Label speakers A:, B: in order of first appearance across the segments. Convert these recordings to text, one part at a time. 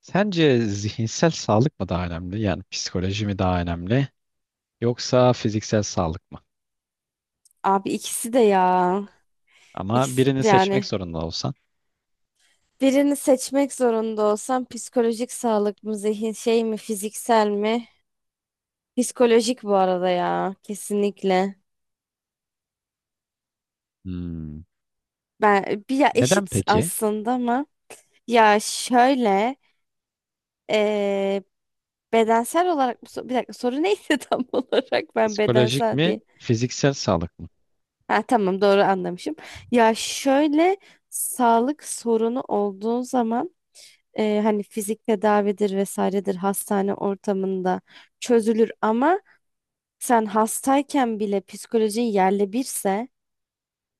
A: Sence zihinsel sağlık mı daha önemli? Yani psikoloji mi daha önemli? Yoksa fiziksel sağlık mı?
B: Abi ikisi de ya.
A: Ama
B: İkisi
A: birini seçmek
B: yani
A: zorunda olsan.
B: birini seçmek zorunda olsam psikolojik sağlık mı, zihin şey mi, fiziksel mi? Psikolojik bu arada ya kesinlikle.
A: Hmm.
B: Ben bir ya
A: Neden
B: eşit
A: peki?
B: aslında ama ya şöyle eee, bedensel olarak mı bir dakika soru neydi tam olarak ben
A: Psikolojik
B: bedensel
A: mi,
B: diye.
A: fiziksel sağlık mı?
B: Ha tamam doğru anlamışım. Ya şöyle sağlık sorunu olduğun zaman hani fizik tedavidir vesairedir hastane ortamında çözülür ama sen hastayken bile psikolojin yerle birse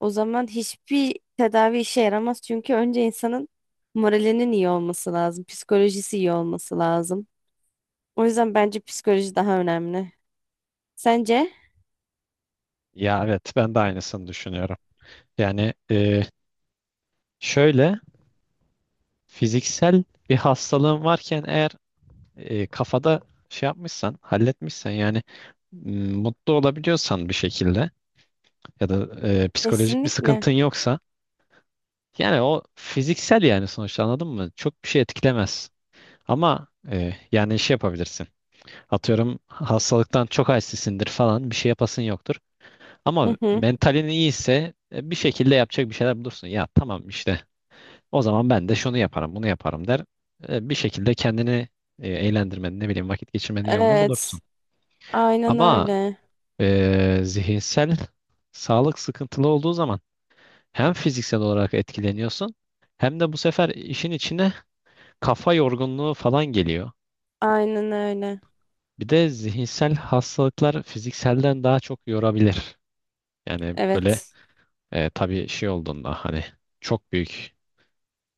B: o zaman hiçbir tedavi işe yaramaz çünkü önce insanın moralinin iyi olması lazım, psikolojisi iyi olması lazım. O yüzden bence psikoloji daha önemli. Sence?
A: Ya evet, ben de aynısını düşünüyorum. Yani şöyle, fiziksel bir hastalığın varken eğer kafada şey yapmışsan, halletmişsen yani mutlu olabiliyorsan bir şekilde ya da psikolojik bir
B: Kesinlikle.
A: sıkıntın yoksa yani o fiziksel yani sonuçta anladın mı? Çok bir şey etkilemez. Ama yani şey yapabilirsin. Atıyorum hastalıktan çok halsizsindir falan bir şey yapasın yoktur. Ama
B: Hı hı.
A: mentalin iyiyse bir şekilde yapacak bir şeyler bulursun. Ya tamam işte o zaman ben de şunu yaparım bunu yaparım der. Bir şekilde kendini eğlendirmenin ne bileyim vakit geçirmenin yolunu
B: Evet.
A: bulursun.
B: Aynen
A: Ama
B: öyle.
A: Zihinsel sağlık sıkıntılı olduğu zaman hem fiziksel olarak etkileniyorsun hem de bu sefer işin içine kafa yorgunluğu falan geliyor.
B: Aynen öyle.
A: Bir de zihinsel hastalıklar fizikselden daha çok yorabilir. Yani böyle
B: Evet.
A: tabii şey olduğunda hani çok büyük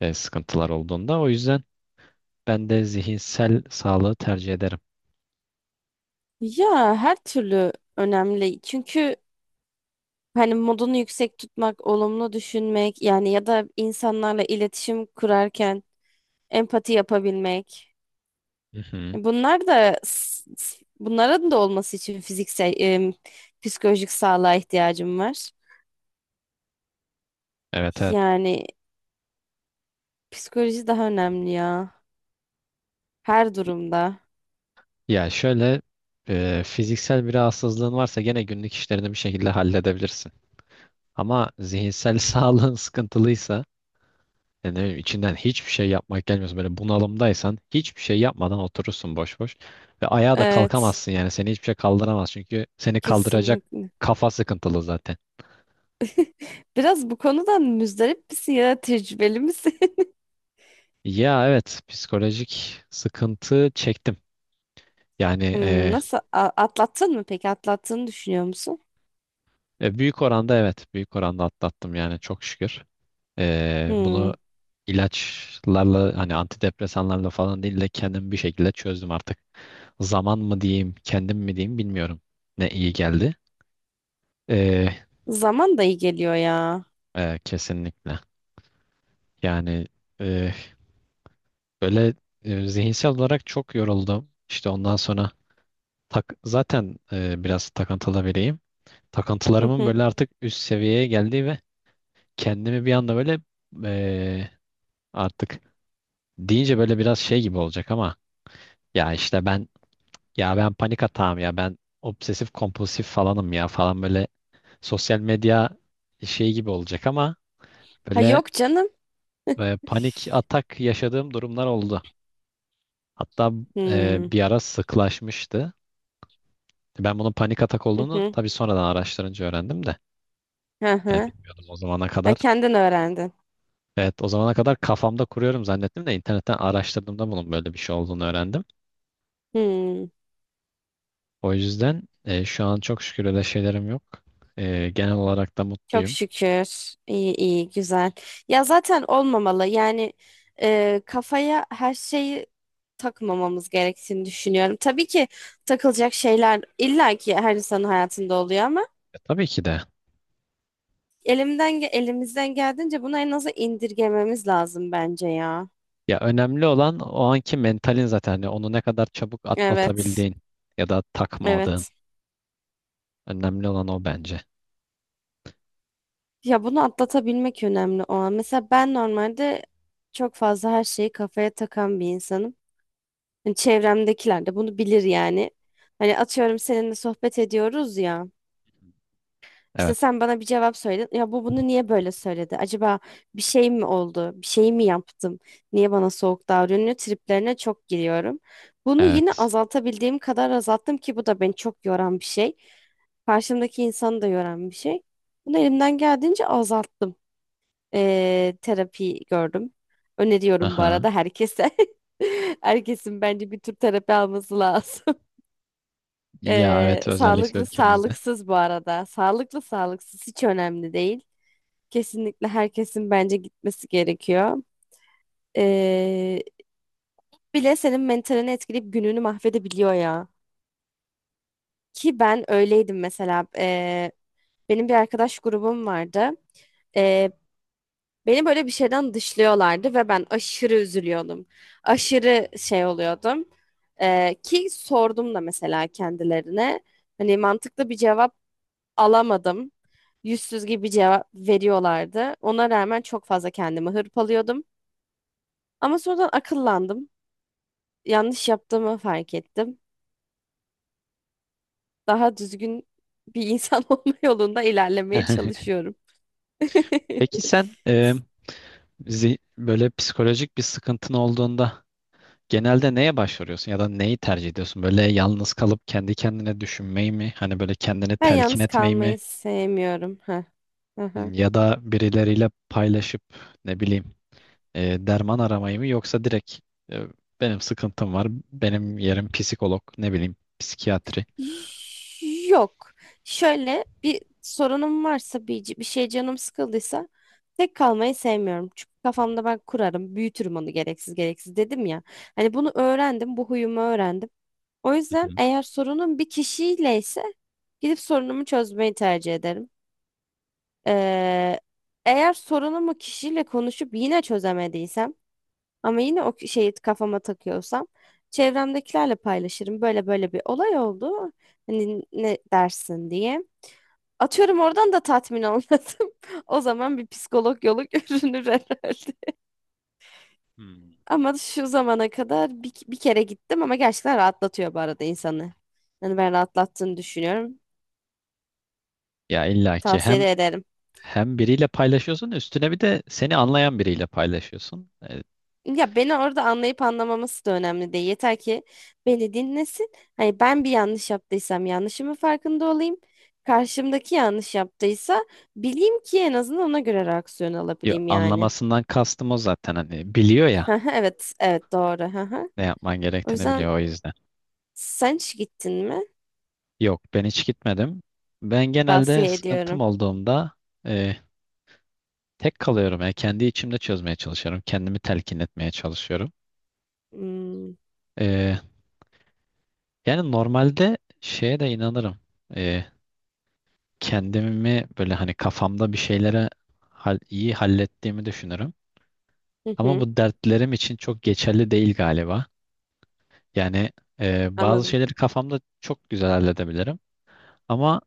A: sıkıntılar olduğunda o yüzden ben de zihinsel sağlığı tercih ederim.
B: Ya her türlü önemli. Çünkü hani modunu yüksek tutmak, olumlu düşünmek yani ya da insanlarla iletişim kurarken empati yapabilmek.
A: Hı hı.
B: Bunlar da bunların da olması için fiziksel psikolojik sağlığa ihtiyacım var.
A: Evet evet.
B: Yani psikoloji daha önemli ya her durumda.
A: Ya şöyle fiziksel bir rahatsızlığın varsa gene günlük işlerini bir şekilde halledebilirsin. Ama zihinsel sağlığın sıkıntılıysa yani ne bileyim, içinden hiçbir şey yapmak gelmiyorsa böyle bunalımdaysan hiçbir şey yapmadan oturursun boş boş ve ayağa da
B: Evet,
A: kalkamazsın yani seni hiçbir şey kaldıramaz çünkü seni kaldıracak
B: kesinlikle.
A: kafa sıkıntılı zaten.
B: Biraz bu konudan müzdarip misin ya da tecrübeli misin?
A: Ya evet, psikolojik sıkıntı çektim. Yani
B: Hmm,
A: e,
B: nasıl atlattın mı peki? Atlattığını düşünüyor musun?
A: Büyük oranda evet, büyük oranda atlattım yani çok şükür.
B: Hmm,
A: Bunu ilaçlarla hani antidepresanlarla falan değil de kendim bir şekilde çözdüm artık. Zaman mı diyeyim, kendim mi diyeyim bilmiyorum. Ne iyi geldi. Ee,
B: zaman da iyi geliyor ya.
A: Kesinlikle. Yani e, böyle zihinsel olarak çok yoruldum. İşte ondan sonra zaten biraz takıntılı biriyim. Takıntılarımın böyle artık üst seviyeye geldiği ve kendimi bir anda böyle e, artık deyince böyle biraz şey gibi olacak ama ya işte ben ya ben panik atağım ya ben obsesif kompulsif falanım ya falan böyle sosyal medya şey gibi olacak ama
B: Ha
A: böyle.
B: yok canım.
A: Ve panik atak yaşadığım durumlar oldu. Hatta
B: Hmm.
A: bir ara sıklaşmıştı. Ben bunun panik atak
B: Hı
A: olduğunu
B: hı.
A: tabii sonradan araştırınca öğrendim de.
B: Hı
A: Yani
B: hı.
A: bilmiyordum o zamana
B: Ha,
A: kadar.
B: kendin öğrendin.
A: Evet, o zamana kadar kafamda kuruyorum zannettim de internetten araştırdığımda bunun böyle bir şey olduğunu öğrendim.
B: Hmm.
A: O yüzden şu an çok şükür öyle şeylerim yok. Genel olarak da
B: Çok
A: mutluyum.
B: şükür. İyi iyi güzel. Ya zaten olmamalı. Yani kafaya her şeyi takmamamız gerektiğini düşünüyorum. Tabii ki takılacak şeyler illaki her insanın hayatında oluyor ama
A: Tabii ki de.
B: elimizden geldiğince bunu en aza indirgememiz lazım bence ya.
A: Ya önemli olan o anki mentalin zaten. Yani onu ne kadar çabuk
B: Evet.
A: atlatabildiğin ya da takmadığın.
B: Evet.
A: Önemli olan o bence.
B: Ya bunu atlatabilmek önemli o an. Mesela ben normalde çok fazla her şeyi kafaya takan bir insanım. Hani çevremdekiler de bunu bilir yani. Hani atıyorum seninle sohbet ediyoruz ya. İşte
A: Evet,
B: sen bana bir cevap söyledin. Ya bu bunu niye böyle söyledi? Acaba bir şey mi oldu? Bir şey mi yaptım? Niye bana soğuk davranıyor? Triplerine çok giriyorum. Bunu yine
A: evet.
B: azaltabildiğim kadar azalttım ki bu da beni çok yoran bir şey. Karşımdaki insanı da yoran bir şey. Bunu elimden geldiğince azalttım. Terapi gördüm. Öneriyorum bu
A: Aha.
B: arada herkese. Herkesin bence bir tür terapi alması lazım.
A: Ya evet, özellikle
B: Sağlıklı
A: ülkemizde.
B: sağlıksız bu arada. Sağlıklı sağlıksız hiç önemli değil. Kesinlikle herkesin bence gitmesi gerekiyor. Ee, Bile senin mentalini etkileyip gününü mahvedebiliyor ya. Ki ben öyleydim mesela. Benim bir arkadaş grubum vardı. E, Beni böyle bir şeyden dışlıyorlardı ve ben aşırı üzülüyordum. Aşırı şey oluyordum. Ki sordum da mesela kendilerine. Hani mantıklı bir cevap alamadım. Yüzsüz gibi cevap veriyorlardı. Ona rağmen çok fazla kendimi hırpalıyordum. Ama sonradan akıllandım. Yanlış yaptığımı fark ettim. Daha düzgün bir insan olma yolunda ilerlemeye çalışıyorum.
A: Peki sen böyle psikolojik bir sıkıntın olduğunda genelde neye başvuruyorsun ya da neyi tercih ediyorsun? Böyle yalnız kalıp kendi kendine düşünmeyi mi? Hani böyle kendini
B: Ben
A: telkin
B: yalnız
A: etmeyi mi?
B: kalmayı sevmiyorum. Ha.
A: Hmm. Ya da birileriyle paylaşıp ne bileyim derman aramayı mı? Yoksa direkt e, benim sıkıntım var, benim yerim psikolog, ne bileyim psikiyatri.
B: Yok. Şöyle bir sorunum varsa bir şey canım sıkıldıysa tek kalmayı sevmiyorum. Çünkü kafamda ben kurarım, büyütürüm onu gereksiz gereksiz dedim ya. Hani bunu öğrendim, bu huyumu öğrendim. O
A: Hı
B: yüzden
A: hı.
B: eğer sorunum bir kişiyle ise gidip sorunumu çözmeyi tercih ederim. Ee, Eğer sorunumu kişiyle konuşup yine çözemediysem ama yine o şeyi kafama takıyorsam çevremdekilerle paylaşırım. Böyle böyle bir olay oldu. Hani ne dersin diye. Atıyorum oradan da tatmin olmadım. O zaman bir psikolog yolu görünür herhalde.
A: Hmm.
B: Ama şu zamana kadar bir kere gittim ama gerçekten rahatlatıyor bu arada insanı. Hani ben rahatlattığını düşünüyorum.
A: Ya illaki
B: Tavsiye
A: hem
B: de ederim.
A: hem biriyle paylaşıyorsun, üstüne bir de seni anlayan biriyle paylaşıyorsun.
B: Ya beni orada anlayıp anlamaması da önemli değil. Yeter ki beni dinlesin. Hani ben bir yanlış yaptıysam yanlışımın farkında olayım. Karşımdaki yanlış yaptıysa bileyim ki en azından ona göre reaksiyon alabileyim yani.
A: Anlamasından kastım o zaten, hani biliyor ya
B: Hah, evet, evet doğru. Hah.
A: ne yapman
B: O
A: gerektiğini
B: yüzden
A: biliyor o yüzden.
B: sen hiç gittin mi?
A: Yok, ben hiç gitmedim. Ben genelde
B: Tavsiye
A: sıkıntım
B: ediyorum.
A: olduğumda e, tek kalıyorum. Yani kendi içimde çözmeye çalışıyorum. Kendimi telkin etmeye çalışıyorum.
B: Hmm,
A: E, Yani normalde şeye de inanırım. E, Kendimi böyle hani kafamda bir şeylere iyi hallettiğimi düşünürüm.
B: hı
A: Ama
B: hı,
A: bu dertlerim için çok geçerli değil galiba. Yani bazı
B: anladım.
A: şeyleri kafamda çok güzel halledebilirim. Ama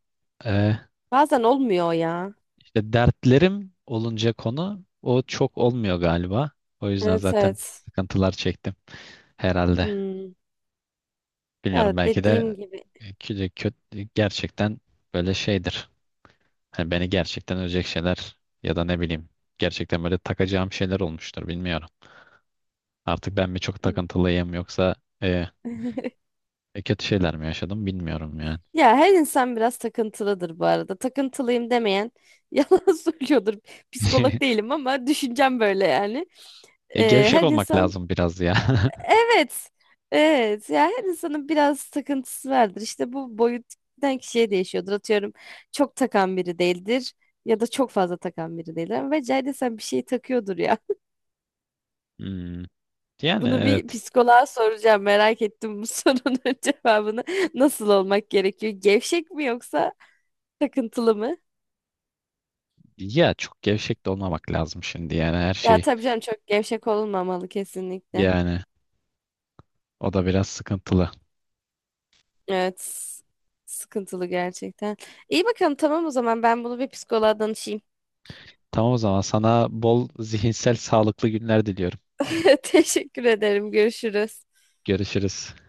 A: e,
B: Bazen olmuyor ya.
A: işte dertlerim olunca konu o çok olmuyor galiba. O yüzden
B: Evet,
A: zaten
B: evet.
A: sıkıntılar çektim herhalde.
B: Hmm,
A: Bilmiyorum,
B: ya
A: belki
B: dediğim
A: de
B: gibi.
A: kötü, kötü gerçekten böyle şeydir. Hani beni gerçekten ölecek şeyler ya da ne bileyim gerçekten böyle takacağım şeyler olmuştur, bilmiyorum. Artık ben mi çok takıntılıyım yoksa e, kötü şeyler mi yaşadım, bilmiyorum yani.
B: Ya her insan biraz takıntılıdır bu arada. Takıntılıyım demeyen yalan söylüyordur. Psikolog değilim ama düşüncem böyle yani.
A: E, gevşek
B: Her
A: olmak
B: insan
A: lazım biraz ya.
B: evet. Evet. Ya her insanın biraz takıntısı vardır. İşte bu boyuttan kişiye değişiyordur. Atıyorum çok takan biri değildir ya da çok fazla takan biri değildir. Ama bence sen bir şey takıyordur ya.
A: Hmm. Yani
B: Bunu bir
A: evet.
B: psikoloğa soracağım. Merak ettim bu sorunun cevabını. Nasıl olmak gerekiyor? Gevşek mi yoksa takıntılı mı?
A: Ya çok gevşek de olmamak lazım şimdi, yani her
B: Ya
A: şey.
B: tabii canım çok gevşek olunmamalı kesinlikle.
A: Yani o da biraz sıkıntılı.
B: Evet. s- Sıkıntılı gerçekten. İyi bakalım tamam o zaman ben bunu bir psikoloğa danışayım.
A: Tamam, o zaman sana bol zihinsel sağlıklı günler diliyorum.
B: Teşekkür ederim. Görüşürüz.
A: Görüşürüz.